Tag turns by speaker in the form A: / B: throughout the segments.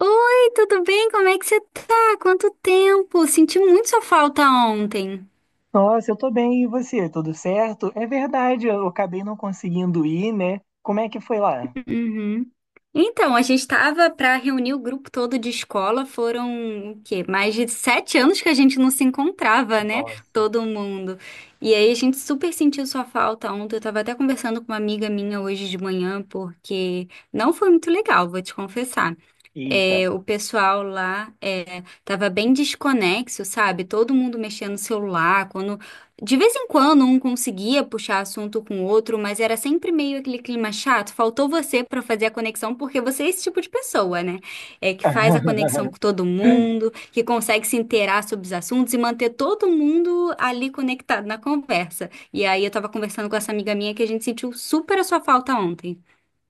A: Oi, tudo bem? Como é que você tá? Quanto tempo? Senti muito sua falta ontem.
B: Nossa, eu tô bem, e você? Tudo certo? É verdade, eu acabei não conseguindo ir, né? Como é que foi lá?
A: Uhum. Então, a gente tava pra reunir o grupo todo de escola. Foram o quê? Mais de 7 anos que a gente não se encontrava, né?
B: Nossa,
A: Todo mundo. E aí a gente super sentiu sua falta ontem. Eu tava até conversando com uma amiga minha hoje de manhã, porque não foi muito legal, vou te confessar.
B: eita.
A: O pessoal lá tava bem desconexo, sabe? Todo mundo mexendo no celular. Quando De vez em quando um conseguia puxar assunto com o outro, mas era sempre meio aquele clima chato. Faltou você pra fazer a conexão, porque você é esse tipo de pessoa, né? É que faz a conexão com todo mundo, que consegue se inteirar sobre os assuntos e manter todo mundo ali conectado na conversa. E aí eu tava conversando com essa amiga minha que a gente sentiu super a sua falta ontem.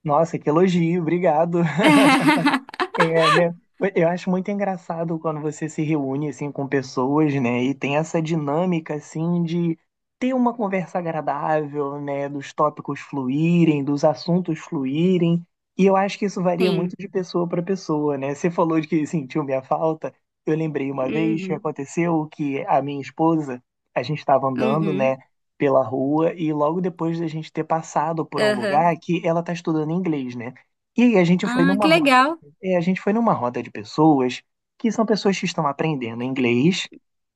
B: Nossa, que elogio, obrigado. É, né? Eu acho muito engraçado quando você se reúne assim com pessoas, né? E tem essa dinâmica assim de ter uma conversa agradável, né? Dos tópicos fluírem, dos assuntos fluírem. E eu acho que isso varia muito
A: Sim.
B: de pessoa para pessoa, né? Você falou de que sentiu minha falta. Eu lembrei uma vez que
A: Uhum.
B: aconteceu que a minha esposa, a gente estava andando, né?
A: Uhum.
B: Pela rua e logo depois da gente ter passado por um
A: Aham.
B: lugar que ela está estudando inglês, né? E aí
A: Ah, que legal.
B: a gente foi numa roda de pessoas que são pessoas que estão aprendendo inglês,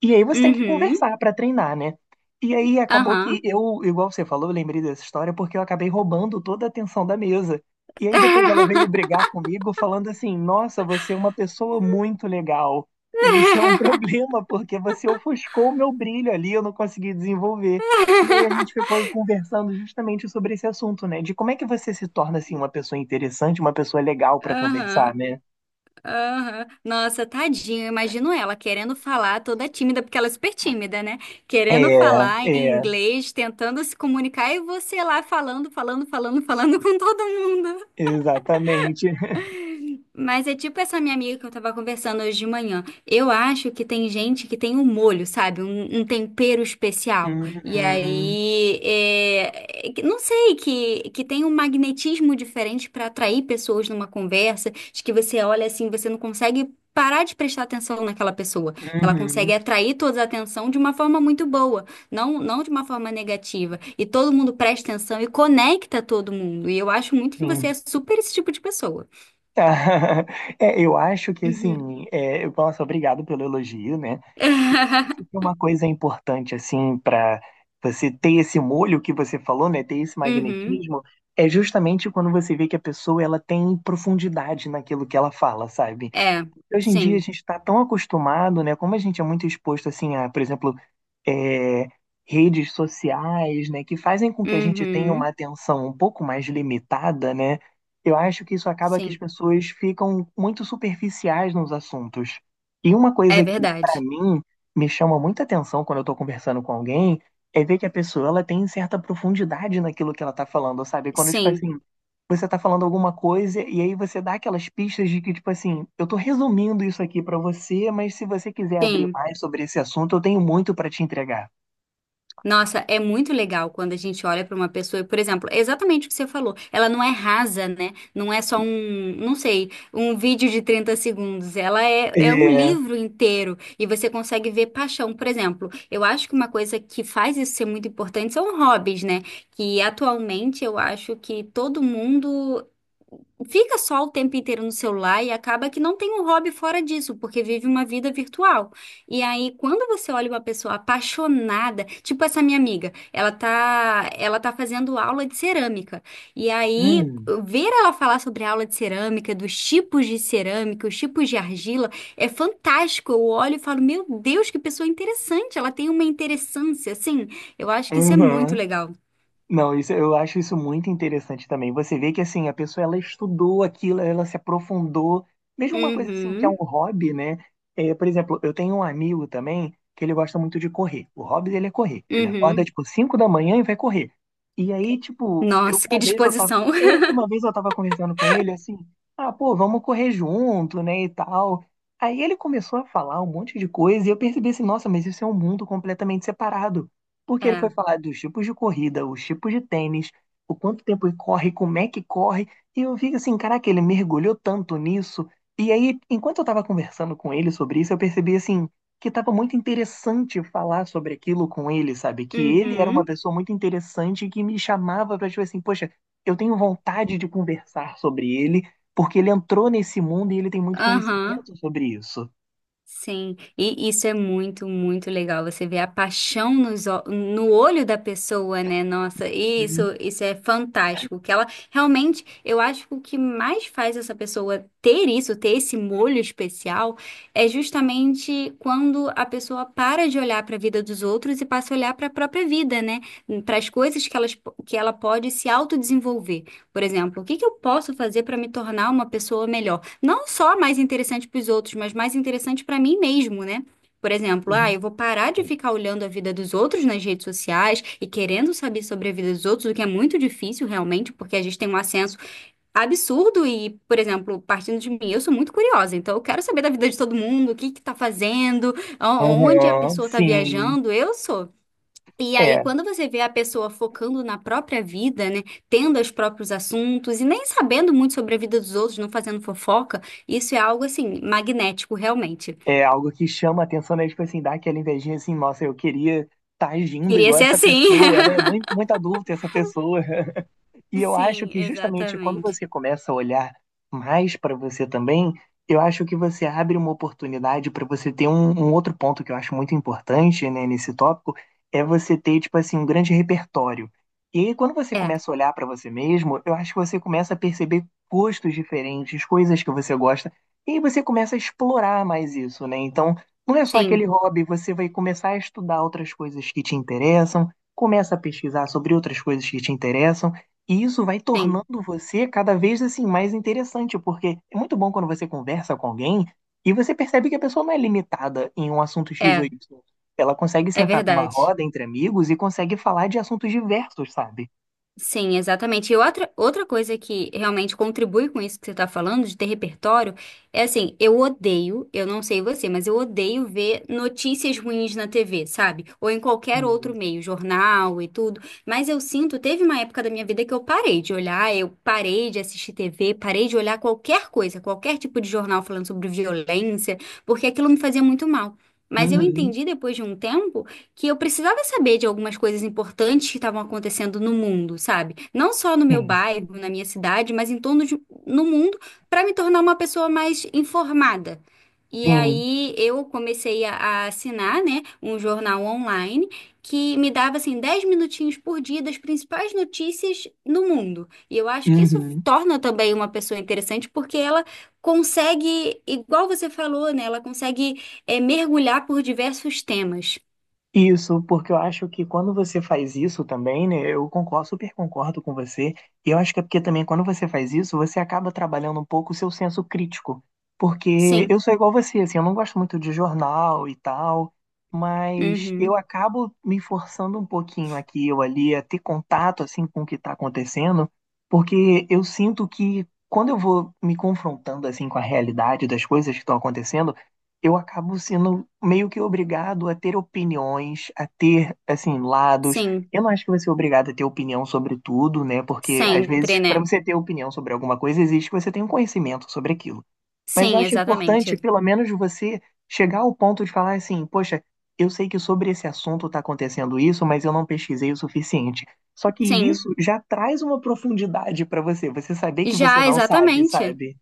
B: e aí você tem que
A: Uhum.
B: conversar para treinar, né? E aí acabou que
A: Aham.
B: eu, igual você falou, eu lembrei dessa história porque eu acabei roubando toda a atenção da mesa. E aí depois ela veio brigar comigo falando assim: "Nossa, você é uma pessoa muito legal. E isso é um problema porque você ofuscou o meu brilho ali, eu não consegui desenvolver". E aí a gente ficou conversando justamente sobre esse assunto, né? De como é que você se torna assim uma pessoa interessante, uma pessoa legal pra conversar,
A: Aham.
B: né?
A: Aham. Nossa, tadinho, eu imagino ela querendo falar, toda tímida, porque ela é super tímida, né?
B: É,
A: Querendo falar em
B: é,
A: inglês, tentando se comunicar, e você lá falando, falando, falando, falando com todo mundo.
B: exatamente.
A: Mas é tipo essa minha amiga que eu tava conversando hoje de manhã. Eu acho que tem gente que tem um molho, sabe? Um tempero especial. E
B: Uhum,
A: aí, não sei, que tem um magnetismo diferente pra atrair pessoas numa conversa, de que você olha assim, você não consegue parar de prestar atenção naquela pessoa. Que ela consegue
B: uhum,
A: atrair toda a atenção de uma forma muito boa, não de uma forma negativa. E todo mundo presta atenção e conecta todo mundo. E eu acho muito que você
B: sim.
A: é super esse tipo de pessoa.
B: É, eu acho que assim, é, nossa, obrigado pelo elogio, né? Eu acho que uma coisa importante assim para você ter esse molho que você falou, né, ter esse
A: Uhum.
B: magnetismo, é justamente quando você vê que a pessoa ela tem profundidade naquilo que ela fala, sabe?
A: É,
B: Hoje em dia a
A: sim.
B: gente está tão acostumado, né? Como a gente é muito exposto assim a, por exemplo, é, redes sociais, né, que fazem com que a gente tenha uma
A: Uhum.
B: atenção um pouco mais limitada, né? Eu acho que isso acaba que as
A: Sim.
B: pessoas ficam muito superficiais nos assuntos. E uma
A: É
B: coisa que, para
A: verdade.
B: mim, me chama muita atenção quando eu estou conversando com alguém é ver que a pessoa ela tem certa profundidade naquilo que ela está falando, sabe? Quando, tipo
A: Sim,
B: assim, você tá falando alguma coisa e aí você dá aquelas pistas de que, tipo assim, eu tô resumindo isso aqui pra você, mas se você quiser abrir
A: sim.
B: mais sobre esse assunto, eu tenho muito pra te entregar.
A: Nossa, é muito legal quando a gente olha para uma pessoa, e, por exemplo, é exatamente o que você falou. Ela não é rasa, né? Não é só um, não sei, um vídeo de 30 segundos. É um
B: É.
A: livro inteiro e você consegue ver paixão. Por exemplo, eu acho que uma coisa que faz isso ser muito importante são hobbies, né? Que atualmente eu acho que todo mundo fica só o tempo inteiro no celular e acaba que não tem um hobby fora disso, porque vive uma vida virtual. E aí, quando você olha uma pessoa apaixonada, tipo essa minha amiga, ela tá fazendo aula de cerâmica. E aí,
B: Hum.
A: ver ela falar sobre a aula de cerâmica, dos tipos de cerâmica, os tipos de argila, é fantástico. Eu olho e falo, meu Deus, que pessoa interessante. Ela tem uma interessância, assim. Eu acho que isso é muito
B: Uhum.
A: legal.
B: Não, isso, eu acho isso muito interessante também. Você vê que assim, a pessoa ela estudou aquilo, ela se aprofundou. Mesmo uma coisa assim que é um
A: Uhum,
B: hobby, né? É, por exemplo, eu tenho um amigo também que ele gosta muito de correr. O hobby dele é correr. Ele acorda
A: uhum.
B: tipo 5 da manhã e vai correr. E aí, tipo, eu
A: Nossa,
B: uma
A: que
B: vez eu tava,
A: disposição.
B: é, uma vez eu tava conversando com ele assim, ah, pô, vamos correr junto, né, e tal. Aí ele começou a falar um monte de coisa e eu percebi assim, nossa, mas isso é um mundo completamente separado porque ele foi
A: É.
B: falar dos tipos de corrida, os tipos de tênis, o quanto tempo ele corre, como é que corre. E eu vi assim, caraca, ele mergulhou tanto nisso. E aí, enquanto eu tava conversando com ele sobre isso, eu percebi assim que tava muito interessante falar sobre aquilo com ele, sabe? Que ele era uma
A: Uhum,
B: pessoa muito interessante que me chamava pra tipo assim, poxa, eu tenho vontade de conversar sobre ele, porque ele entrou nesse mundo e ele tem muito
A: aham.
B: conhecimento sobre isso.
A: Sim, e isso é muito, muito legal. Você vê a paixão no olho da pessoa, né? Nossa,
B: Uhum,
A: isso é fantástico. Que ela realmente, eu acho que o que mais faz essa pessoa ter isso, ter esse molho especial, é justamente quando a pessoa para de olhar para a vida dos outros e passa a olhar para a própria vida, né? Para as coisas que elas, que ela pode se autodesenvolver. Por exemplo, o que que eu posso fazer para me tornar uma pessoa melhor? Não só mais interessante para os outros, mas mais interessante para mim mesmo, né? Por exemplo, ah,
B: uhum.
A: eu vou parar de ficar olhando a vida dos outros nas redes sociais e querendo saber sobre a vida dos outros, o que é muito difícil realmente, porque a gente tem um acesso absurdo e, por exemplo, partindo de mim, eu sou muito curiosa, então eu quero saber da vida de todo mundo, o que que tá fazendo, onde a
B: Aham,
A: pessoa tá
B: sim.
A: viajando, eu sou. E aí,
B: É.
A: quando você vê a pessoa focando na própria vida, né, tendo os próprios assuntos e nem sabendo muito sobre a vida dos outros, não fazendo fofoca, isso é algo assim, magnético, realmente.
B: É algo que chama a atenção, né? Tipo assim, dá aquela invejinha assim, nossa, eu queria estar agindo
A: Queria
B: igual
A: ser
B: essa
A: assim.
B: pessoa, né? Muito, muita dúvida essa pessoa. E eu acho
A: Sim,
B: que justamente quando
A: exatamente.
B: você começa a olhar mais para você também, eu acho que você abre uma oportunidade para você ter um outro ponto que eu acho muito importante, né, nesse tópico, é você ter, tipo assim, um grande repertório. E aí, quando você
A: É,
B: começa a olhar para você mesmo, eu acho que você começa a perceber gostos diferentes, coisas que você gosta, e aí você começa a explorar mais isso, né? Então, não é só aquele
A: sim,
B: hobby, você vai começar a estudar outras coisas que te interessam, começa a pesquisar sobre outras coisas que te interessam. E isso vai
A: sim,
B: tornando você cada vez assim mais interessante, porque é muito bom quando você conversa com alguém e você percebe que a pessoa não é limitada em um assunto X ou
A: é,
B: Y. Ela consegue
A: é
B: sentar numa
A: verdade.
B: roda entre amigos e consegue falar de assuntos diversos, sabe?
A: Sim, exatamente. E outra coisa que realmente contribui com isso que você está falando, de ter repertório, é assim, eu odeio, eu não sei você, mas eu odeio ver notícias ruins na TV, sabe? Ou em qualquer outro
B: Sim.
A: meio, jornal e tudo. Mas eu sinto, teve uma época da minha vida que eu parei de olhar, eu parei de assistir TV, parei de olhar qualquer coisa, qualquer tipo de jornal falando sobre violência, porque aquilo me fazia muito mal. Mas eu
B: Uhum.
A: entendi depois de um tempo que eu precisava saber de algumas coisas importantes que estavam acontecendo no mundo, sabe? Não só no meu
B: Sim,
A: bairro, na minha cidade, mas em torno de, no mundo, para me tornar uma pessoa mais informada. E
B: sim.
A: aí eu comecei a assinar, né, um jornal online que me dava assim 10 minutinhos por dia das principais notícias no mundo. E eu acho que isso
B: Uhum.
A: torna também uma pessoa interessante porque ela consegue, igual você falou, né, ela consegue mergulhar por diversos temas.
B: Isso, porque eu acho que quando você faz isso também, né, eu concordo, super concordo com você, e eu acho que é porque também quando você faz isso, você acaba trabalhando um pouco o seu senso crítico, porque eu
A: Sim.
B: sou igual você, assim, eu não gosto muito de jornal e tal, mas eu
A: Uhum.
B: acabo me forçando um pouquinho aqui ou ali a ter contato, assim, com o que está acontecendo, porque eu sinto que quando eu vou me confrontando, assim, com a realidade das coisas que estão acontecendo, eu acabo sendo meio que obrigado a ter opiniões, a ter, assim, lados.
A: Sim.
B: Eu não acho que você é obrigado a ter opinião sobre tudo, né? Porque, às
A: Sempre,
B: vezes, para
A: né?
B: você ter opinião sobre alguma coisa, existe que você tenha um conhecimento sobre aquilo. Mas eu
A: Sim,
B: acho importante,
A: exatamente.
B: pelo menos, você chegar ao ponto de falar assim: poxa, eu sei que sobre esse assunto está acontecendo isso, mas eu não pesquisei o suficiente. Só que
A: Sim.
B: isso já traz uma profundidade para você, você saber que você
A: Já,
B: não sabe,
A: exatamente.
B: sabe?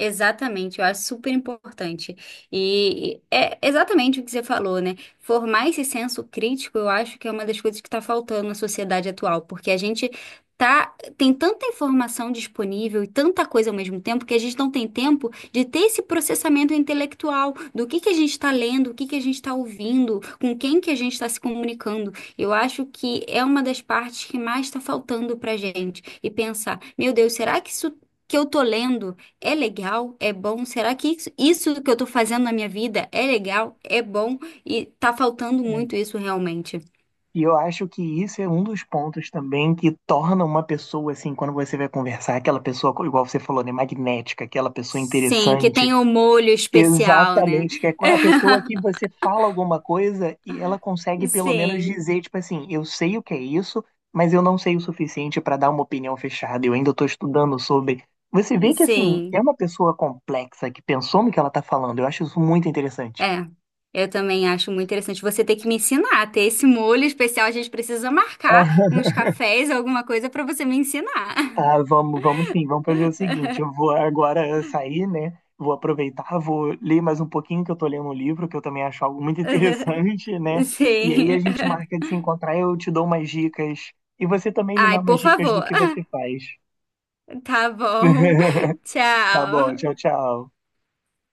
A: Exatamente, eu acho super importante. E é exatamente o que você falou, né? Formar esse senso crítico, eu acho que é uma das coisas que está faltando na sociedade atual, porque a gente tá, tem tanta informação disponível e tanta coisa ao mesmo tempo que a gente não tem tempo de ter esse processamento intelectual do que a gente está lendo, o que que a gente está ouvindo, com quem que a gente está se comunicando. Eu acho que é uma das partes que mais está faltando para gente. E pensar, meu Deus, será que isso que eu tô lendo é legal? É bom? Será que isso que eu tô fazendo na minha vida é legal? É bom? E tá faltando
B: É.
A: muito isso realmente.
B: E eu acho que isso é um dos pontos também que torna uma pessoa, assim, quando você vai conversar, aquela pessoa, igual você falou, né, magnética, aquela pessoa
A: Sim, que
B: interessante.
A: tem o molho especial, né?
B: Exatamente, que é a pessoa que você fala alguma coisa e ela consegue pelo menos
A: Sim,
B: dizer, tipo assim, eu sei o que é isso, mas eu não sei o suficiente para dar uma opinião fechada, eu ainda estou estudando sobre. Você vê que, assim, é
A: sim.
B: uma pessoa complexa que pensou no que ela está falando, eu acho isso muito interessante.
A: É. Eu também acho muito interessante. Você tem que me ensinar a ter esse molho especial. A gente precisa marcar uns cafés, alguma coisa pra você me ensinar.
B: Tá, vamos, vamos sim, vamos fazer o seguinte, eu vou agora sair, né? Vou aproveitar, vou ler mais um pouquinho que eu tô lendo um livro, que eu também acho algo muito interessante, né? E aí a
A: Sim.
B: gente marca de se encontrar, eu te dou umas dicas e você também me dá
A: Ai,
B: umas
A: por
B: dicas do
A: favor.
B: que você faz.
A: Tá bom.
B: Tá bom,
A: Tchau.
B: tchau, tchau.